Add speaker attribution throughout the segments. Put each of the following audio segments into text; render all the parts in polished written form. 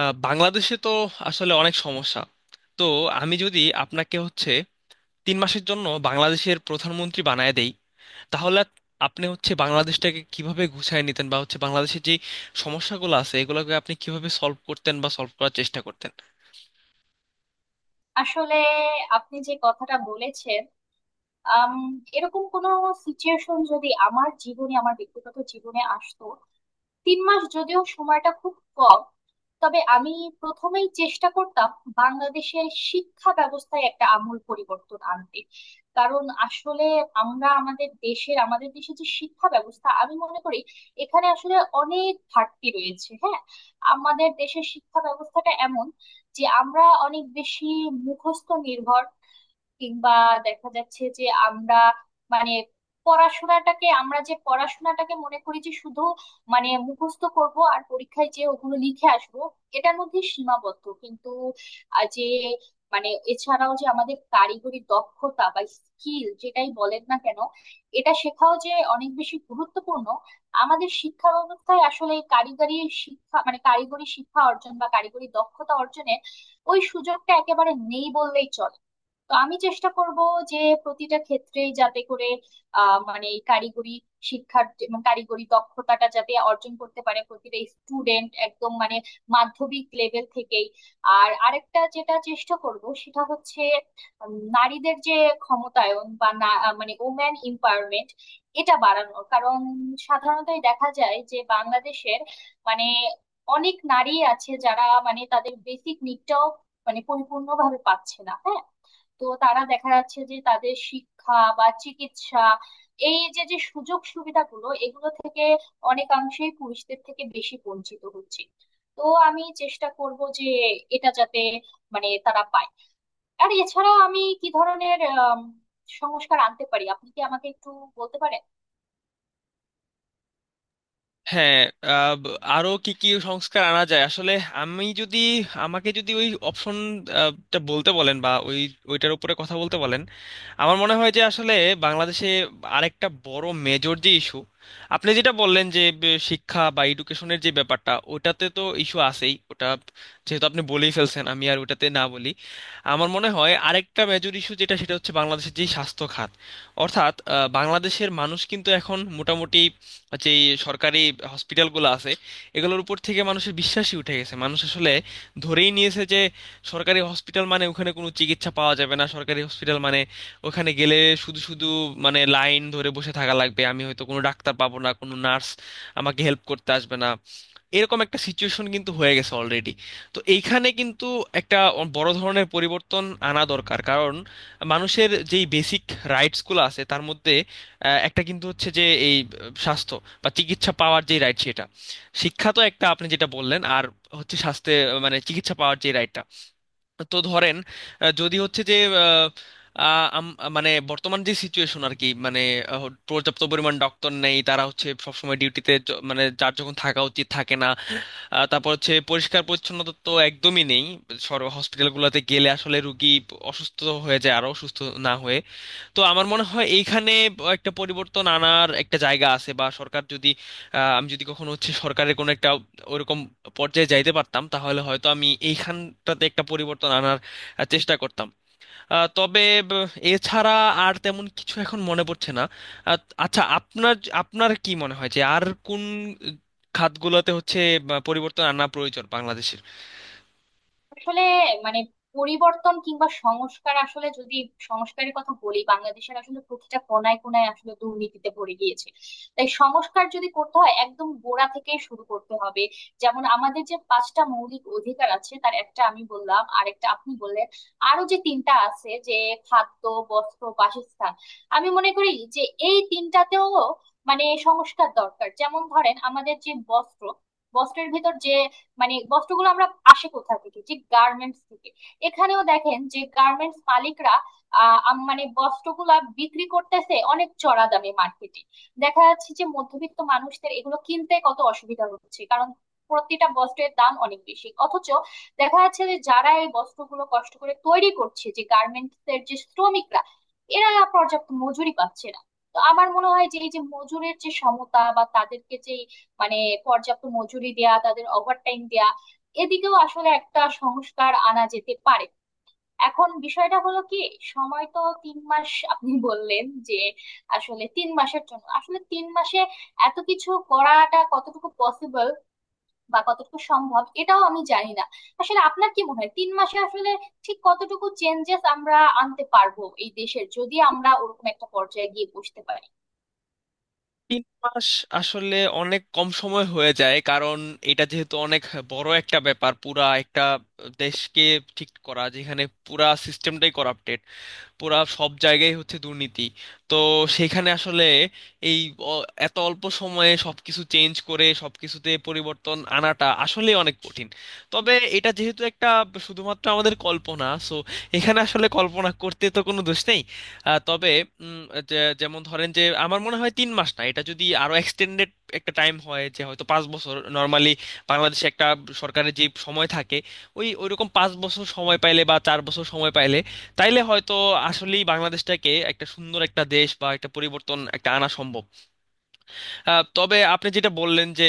Speaker 1: বাংলাদেশে তো আসলে অনেক সমস্যা। তো আমি যদি আপনাকে হচ্ছে 3 মাসের জন্য বাংলাদেশের প্রধানমন্ত্রী বানায় দেই, তাহলে আপনি হচ্ছে বাংলাদেশটাকে কিভাবে গুছায় নিতেন, বা হচ্ছে বাংলাদেশের যে সমস্যাগুলো আছে এগুলোকে আপনি কিভাবে সলভ করতেন বা সলভ করার চেষ্টা করতেন?
Speaker 2: আসলে আপনি যে কথাটা বলেছেন, আম, এরকম কোনো সিচুয়েশন যদি আমার জীবনে আমার ব্যক্তিগত জীবনে আসতো, 3 মাস যদিও সময়টা খুব কম, তবে আমি প্রথমেই চেষ্টা করতাম বাংলাদেশের শিক্ষা ব্যবস্থায় একটা আমূল পরিবর্তন আনতে। কারণ আসলে আমরা আমাদের দেশের আমাদের দেশে যে শিক্ষা ব্যবস্থা আমি মনে করি এখানে আসলে অনেক ঘাটতি রয়েছে। হ্যাঁ, আমাদের দেশের শিক্ষা ব্যবস্থাটা এমন যে আমরা অনেক বেশি মুখস্থ নির্ভর, কিংবা দেখা যাচ্ছে যে আমরা মানে পড়াশোনাটাকে আমরা যে পড়াশোনাটাকে মনে করি যে শুধু মানে মুখস্থ করব আর পরীক্ষায় যে ওগুলো লিখে আসবো, এটার মধ্যে সীমাবদ্ধ। কিন্তু আহ, যে মানে এছাড়াও যে আমাদের কারিগরি দক্ষতা বা স্কিল যেটাই বলেন না কেন, এটা শেখাও যে অনেক বেশি গুরুত্বপূর্ণ। আমাদের শিক্ষা ব্যবস্থায় আসলে এই কারিগরি শিক্ষা মানে কারিগরি শিক্ষা অর্জন বা কারিগরি দক্ষতা অর্জনের ওই সুযোগটা একেবারে নেই বললেই চলে। তো আমি চেষ্টা করব যে প্রতিটা ক্ষেত্রেই যাতে করে মানে এই কারিগরি মানে কারিগরি দক্ষতাটা যাতে অর্জন করতে পারে প্রতিটা স্টুডেন্ট, একদম মানে মাধ্যমিক লেভেল থেকেই। আর আরেকটা যেটা চেষ্টা করব সেটা হচ্ছে নারীদের যে ক্ষমতায়ন বা না মানে ওম্যান এম্পাওয়ারমেন্ট, এটা বাড়ানোর কারণ সাধারণতই দেখা যায় যে বাংলাদেশের মানে অনেক নারী আছে যারা মানে তাদের বেসিক নিডটাও মানে পরিপূর্ণভাবে পাচ্ছে না। হ্যাঁ, তো তারা দেখা যাচ্ছে যে তাদের শিক্ষা বা চিকিৎসা, এই যে যে সুযোগ সুবিধাগুলো, এগুলো থেকে অনেকাংশেই পুরুষদের থেকে বেশি বঞ্চিত হচ্ছে। তো আমি চেষ্টা করব যে এটা যাতে মানে তারা পায়। আর এছাড়া আমি কি ধরনের সংস্কার আনতে পারি, আপনি কি আমাকে একটু বলতে পারেন?
Speaker 1: হ্যাঁ। আহ, ব- আরো কি কি সংস্কার আনা যায় আসলে? আমি যদি, আমাকে যদি ওই অপশনটা বলতে বলেন বা ওইটার উপরে কথা বলতে বলেন, আমার মনে হয় যে আসলে বাংলাদেশে আরেকটা বড় মেজর যে ইস্যু, আপনি যেটা বললেন যে শিক্ষা বা এডুকেশনের যে ব্যাপারটা, ওটাতে তো ইস্যু আছেই, ওটা যেহেতু আপনি বলেই ফেলছেন আমি আর ওটাতে না বলি। আমার মনে হয় আরেকটা মেজর ইস্যু যেটা, সেটা হচ্ছে বাংলাদেশের যে স্বাস্থ্য খাত। অর্থাৎ বাংলাদেশের মানুষ কিন্তু এখন মোটামুটি যে সরকারি হসপিটালগুলো আছে এগুলোর উপর থেকে মানুষের বিশ্বাসই উঠে গেছে। মানুষ আসলে ধরেই নিয়েছে যে সরকারি হসপিটাল মানে ওখানে কোনো চিকিৎসা পাওয়া যাবে না, সরকারি হসপিটাল মানে ওখানে গেলে শুধু শুধু মানে লাইন ধরে বসে থাকা লাগবে, আমি হয়তো কোনো ডাক্তার পাবো না, কোনো নার্স আমাকে হেল্প করতে আসবে না। এরকম একটা সিচুয়েশন কিন্তু হয়ে গেছে অলরেডি। তো এইখানে কিন্তু একটা বড় ধরনের পরিবর্তন আনা দরকার, কারণ মানুষের যেই বেসিক রাইটসগুলো আছে তার মধ্যে একটা কিন্তু হচ্ছে যে এই স্বাস্থ্য বা চিকিৎসা পাওয়ার যে রাইট, সেটা। শিক্ষা তো একটা আপনি যেটা বললেন, আর হচ্ছে স্বাস্থ্যে মানে চিকিৎসা পাওয়ার যে রাইটটা। তো ধরেন যদি হচ্ছে যে আহ, আহ, আম- মানে বর্তমান যে সিচুয়েশন আর কি, মানে আহ, পর্যাপ্ত পরিমাণ ডক্টর নেই, তারা হচ্ছে সবসময় ডিউটিতে মানে যার যখন থাকা উচিত থাকে না। তারপর হচ্ছে পরিষ্কার পরিচ্ছন্নতা তো একদমই নেই, সর হসপিটালগুলোতে গেলে আসলে রুগী অসুস্থ হয়ে যায় আরো, অসুস্থ না হয়ে। তো আমার মনে হয় এইখানে একটা পরিবর্তন আনার একটা জায়গা আছে। বা সরকার যদি আমি যদি কখনো হচ্ছে সরকারের কোনো একটা ওরকম পর্যায়ে যাইতে পারতাম, তাহলে হয়তো আমি এইখানটাতে একটা পরিবর্তন আনার চেষ্টা করতাম। তবে ব- এছাড়া আর তেমন কিছু এখন মনে পড়ছে না। আহ, আচ্ছা, আপনার আপনার কি মনে হয় যে আর কোন খাতগুলোতে হচ্ছে বা পরিবর্তন আনা প্রয়োজন বাংলাদেশের?
Speaker 2: আসলে মানে পরিবর্তন কিংবা সংস্কার, আসলে যদি সংস্কারের কথা বলি, বাংলাদেশের আসলে প্রতিটা কোনায় কোনায় আসলে দুর্নীতিতে ভরে গিয়েছে। তাই সংস্কার যদি করতে হয় একদম গোড়া থেকে শুরু করতে হবে। যেমন আমাদের যে 5টা মৌলিক অধিকার আছে তার একটা আমি বললাম, আরেকটা আপনি বললেন। আরো যে 3টা আছে, যে খাদ্য, বস্ত্র, বাসস্থান, আমি মনে করি যে এই 3টাতেও মানে সংস্কার দরকার। যেমন ধরেন আমাদের যে বস্ত্র, বস্ত্রের ভিতর যে মানে বস্ত্রগুলো আমরা আসে কোথা থেকে, যে গার্মেন্টস থেকে। এখানেও দেখেন যে গার্মেন্টস মালিকরা মানে বস্ত্রগুলা বিক্রি করতেছে অনেক চড়া দামে মার্কেটে। দেখা যাচ্ছে যে মধ্যবিত্ত মানুষদের এগুলো কিনতে কত অসুবিধা হচ্ছে, কারণ প্রতিটা বস্ত্রের দাম অনেক বেশি। অথচ দেখা যাচ্ছে যে যারা এই বস্ত্রগুলো কষ্ট করে তৈরি করছে, যে গার্মেন্টস এর যে শ্রমিকরা, এরা পর্যাপ্ত মজুরি পাচ্ছে না। তো আমার মনে হয় যে এই যে মজুরির যে সমতা বা তাদেরকে যে মানে পর্যাপ্ত মজুরি দেয়া, তাদের ওভারটাইম দেয়া, এদিকেও আসলে একটা সংস্কার আনা যেতে পারে। এখন বিষয়টা হলো কি, সময় তো 3 মাস আপনি বললেন যে, আসলে 3 মাসের জন্য আসলে 3 মাসে এত কিছু করাটা কতটুকু পসিবল বা কতটুকু সম্ভব, এটাও আমি জানি না। আসলে আপনার কি মনে হয় 3 মাসে আসলে ঠিক কতটুকু চেঞ্জেস আমরা আনতে পারবো এই দেশের, যদি আমরা ওরকম একটা পর্যায়ে গিয়ে বসতে পারি?
Speaker 1: তিন মাস আসলে অনেক কম সময় হয়ে যায়, কারণ এটা যেহেতু অনেক বড় একটা ব্যাপার, পুরা একটা দেশকে ঠিক করা, যেখানে পুরা সিস্টেমটাই করাপ্টেড, পুরা সব জায়গায় হচ্ছে দুর্নীতি। তো সেখানে আসলে এই এত অল্প সময়ে সবকিছু চেঞ্জ করে সবকিছুতে পরিবর্তন আনাটা আসলে অনেক কঠিন। তবে এটা যেহেতু একটা শুধুমাত্র আমাদের কল্পনা, সো এখানে আসলে কল্পনা করতে তো কোনো দোষ নেই। তবে উম, যেমন ধরেন যে আমার মনে হয় 3 মাস না, এটা যদি আরো এক্সটেন্ডেড একটা টাইম হয়, যে হয়তো 5 বছর, নর্মালি বাংলাদেশে একটা সরকারের যে সময় থাকে ওইরকম 5 বছর সময় পাইলে বা 4 বছর সময় পাইলে, তাইলে হয়তো আসলেই বাংলাদেশটাকে একটা সুন্দর একটা দেশ বা একটা পরিবর্তন একটা আনা সম্ভব। তবে আপনি যেটা বললেন যে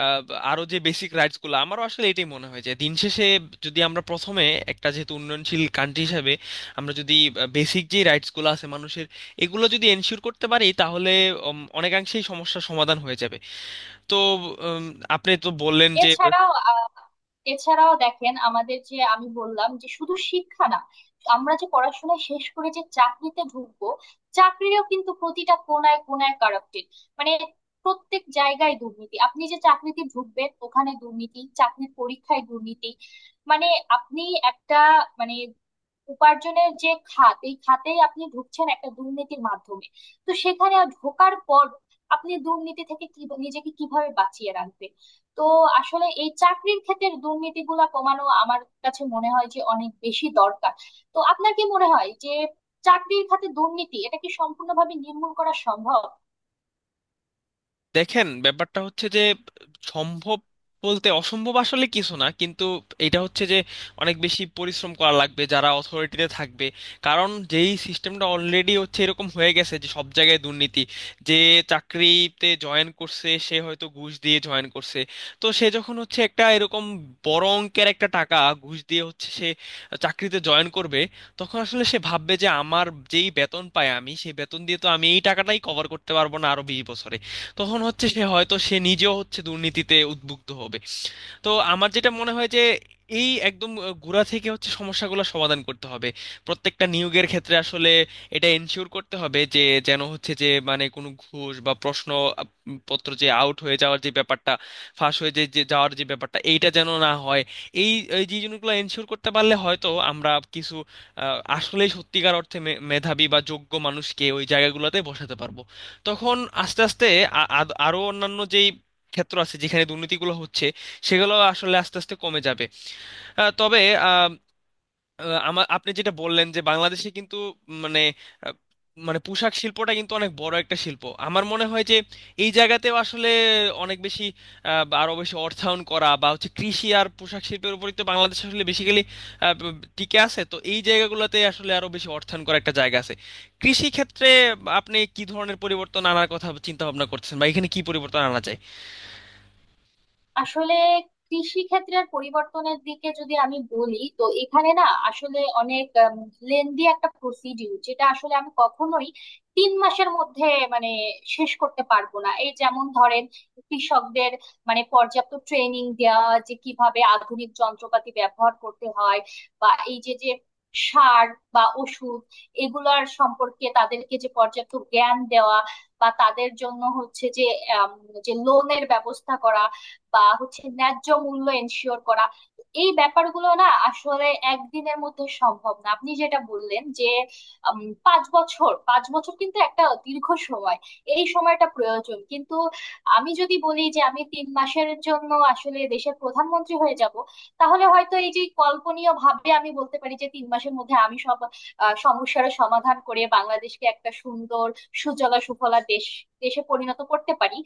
Speaker 1: আহ, আরো যে বেসিক রাইটস গুলো, আমারও আসলে এটাই মনে হয় যে দিন শেষে যদি আমরা প্রথমে একটা যেহেতু উন্নয়নশীল কান্ট্রি হিসেবে আমরা যদি বেসিক যে রাইটস গুলো আছে মানুষের, এগুলো যদি এনশিওর করতে পারি, তাহলে অনেকাংশেই সমস্যার সমাধান হয়ে যাবে। তো উম, আপনি তো বললেন যে
Speaker 2: এছাড়াও আহ, এছাড়াও দেখেন আমাদের যে আমি বললাম যে শুধু শিক্ষা না, আমরা যে পড়াশোনা শেষ করে যে চাকরিতে ঢুকবো, চাকরিরও কিন্তু প্রতিটা কোনায় কোনায় কারাপ্টেড। মানে প্রত্যেক জায়গায় দুর্নীতি, আপনি যে চাকরিতে ঢুকবেন ওখানে দুর্নীতি, চাকরির পরীক্ষায় দুর্নীতি। মানে আপনি একটা মানে উপার্জনের যে খাত, এই খাতেই আপনি ঢুকছেন একটা দুর্নীতির মাধ্যমে। তো সেখানে ঢোকার পর আপনি দুর্নীতি থেকে কি নিজেকে কিভাবে বাঁচিয়ে রাখবেন? তো আসলে এই চাকরির ক্ষেত্রে দুর্নীতিগুলা কমানো আমার কাছে মনে হয় যে অনেক বেশি দরকার। তো আপনার কি মনে হয় যে চাকরির খাতে দুর্নীতি, এটা কি সম্পূর্ণভাবে নির্মূল করা সম্ভব?
Speaker 1: দেখেন, ব্যাপারটা হচ্ছে যে সম্ভব বলতে অসম্ভব আসলে কিছু না, কিন্তু এটা হচ্ছে যে অনেক বেশি পরিশ্রম করা লাগবে যারা অথরিটিতে থাকবে। কারণ যেই সিস্টেমটা অলরেডি হচ্ছে এরকম হয়ে গেছে যে সব জায়গায় দুর্নীতি, যে চাকরিতে জয়েন করছে সে হয়তো ঘুষ দিয়ে জয়েন করছে। তো সে যখন হচ্ছে একটা এরকম বড় অঙ্কের একটা টাকা ঘুষ দিয়ে হচ্ছে সে চাকরিতে জয়েন করবে, তখন আসলে সে ভাববে যে আমার যেই বেতন পাই আমি সেই বেতন দিয়ে তো আমি এই টাকাটাই কভার করতে পারবো না আরো 20 বছরে। তখন হচ্ছে সে হয়তো সে নিজেও হচ্ছে দুর্নীতিতে উদ্বুদ্ধ হবে। তো আমার যেটা মনে হয় যে এই একদম গোড়া থেকে হচ্ছে সমস্যাগুলো সমাধান করতে হবে। প্রত্যেকটা নিয়োগের ক্ষেত্রে আসলে এটা এনশিওর করতে হবে যে যেন হচ্ছে যে মানে কোনো ঘুষ বা প্রশ্ন আপ- পত্র যে আউট হয়ে যাওয়ার যে ব্যাপারটা, ফাঁস হয়ে যে যে যাওয়ার যে ব্যাপারটা, এইটা যেন না হয়। এই এই যে জিনিসগুলো এনশিওর করতে পারলে হয়তো আমরা কিছু আসলে সত্যিকার অর্থে মেধাবী বা যোগ্য মানুষকে ওই জায়গাগুলোতে বসাতে পারবো। তখন আস্তে আস্তে আরো অন্যান্য যেই ক্ষেত্র আছে যেখানে দুর্নীতিগুলো হচ্ছে সেগুলো আসলে আস্তে আস্তে কমে যাবে। তবে আমার, আপনি যেটা বললেন যে বাংলাদেশে কিন্তু মানে আহ, মানে পোশাক শিল্পটা কিন্তু অনেক বড় একটা শিল্প, আমার মনে হয় যে এই জায়গাতেও আসলে অনেক বেশি বা আরো বেশি অর্থায়ন করা, বা হচ্ছে কৃষি আর পোশাক শিল্পের উপরই তো বাংলাদেশ আসলে বেসিক্যালি টিকে আছে, তো এই জায়গাগুলোতে আসলে আরো বেশি অর্থায়ন করা একটা জায়গা আছে। কৃষি ক্ষেত্রে আপনি কি ধরনের পরিবর্তন আনার কথা চিন্তা ভাবনা করতেছেন বা এখানে কি পরিবর্তন আনা যায়?
Speaker 2: আসলে কৃষি ক্ষেত্রের পরিবর্তনের দিকে যদি আমি বলি, তো এখানে না আসলে অনেক লেন্দি একটা প্রসিডিউর, যেটা আসলে আমি কখনোই 3 মাসের মধ্যে মানে শেষ করতে পারবো না। এই যেমন ধরেন কৃষকদের মানে পর্যাপ্ত ট্রেনিং দেওয়া যে কিভাবে আধুনিক যন্ত্রপাতি ব্যবহার করতে হয়, বা এই যে যে সার বা ওষুধ, এগুলার সম্পর্কে তাদেরকে যে পর্যাপ্ত জ্ঞান দেওয়া, বা তাদের জন্য হচ্ছে যে আম, যে লোনের ব্যবস্থা করা, বা হচ্ছে ন্যায্য মূল্য এনশিওর করা, এই ব্যাপারগুলো না আসলে একদিনের মধ্যে সম্ভব না। আপনি যেটা বললেন যে উম, 5 বছর, 5 বছর কিন্তু একটা দীর্ঘ সময়, এই সময়টা প্রয়োজন। কিন্তু আমি যদি বলি যে আমি 3 মাসের জন্য আসলে দেশের প্রধানমন্ত্রী হয়ে যাব, তাহলে হয়তো এই যে কল্পনীয় ভাবে আমি বলতে পারি যে 3 মাসের মধ্যে আমি সব সমস্যার সমাধান করে বাংলাদেশকে একটা সুন্দর সুজলা সুফলা দেশে পরিণত করতে পারি।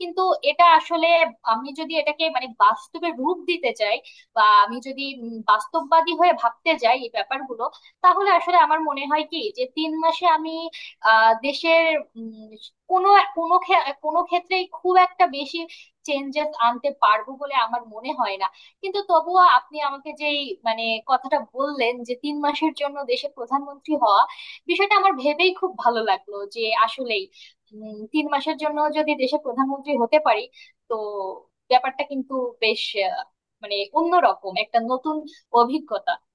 Speaker 2: কিন্তু এটা আসলে, আমি যদি এটাকে মানে বাস্তবে রূপ দিতে চাই বা আমি যদি বাস্তববাদী হয়ে ভাবতে যাই এই ব্যাপারগুলো, তাহলে আসলে আমার মনে হয় কি যে 3 মাসে আমি দেশের উম, কোনো কোনো ক্ষে- কোনো ক্ষেত্রেই খুব একটা বেশি চেঞ্জেস আনতে পারবো বলে আমার মনে হয় না। কিন্তু তবুও আপনি আমাকে যেই মানে কথাটা বললেন যে 3 মাসের জন্য দেশের প্রধানমন্ত্রী হওয়া, বিষয়টা আমার ভেবেই খুব ভালো লাগলো। যে আসলে 3 মাসের জন্য যদি দেশের প্রধানমন্ত্রী হতে পারি, তো ব্যাপারটা কিন্তু বেশ আহ, মানে অন্যরকম একটা নতুন অভিজ্ঞতা।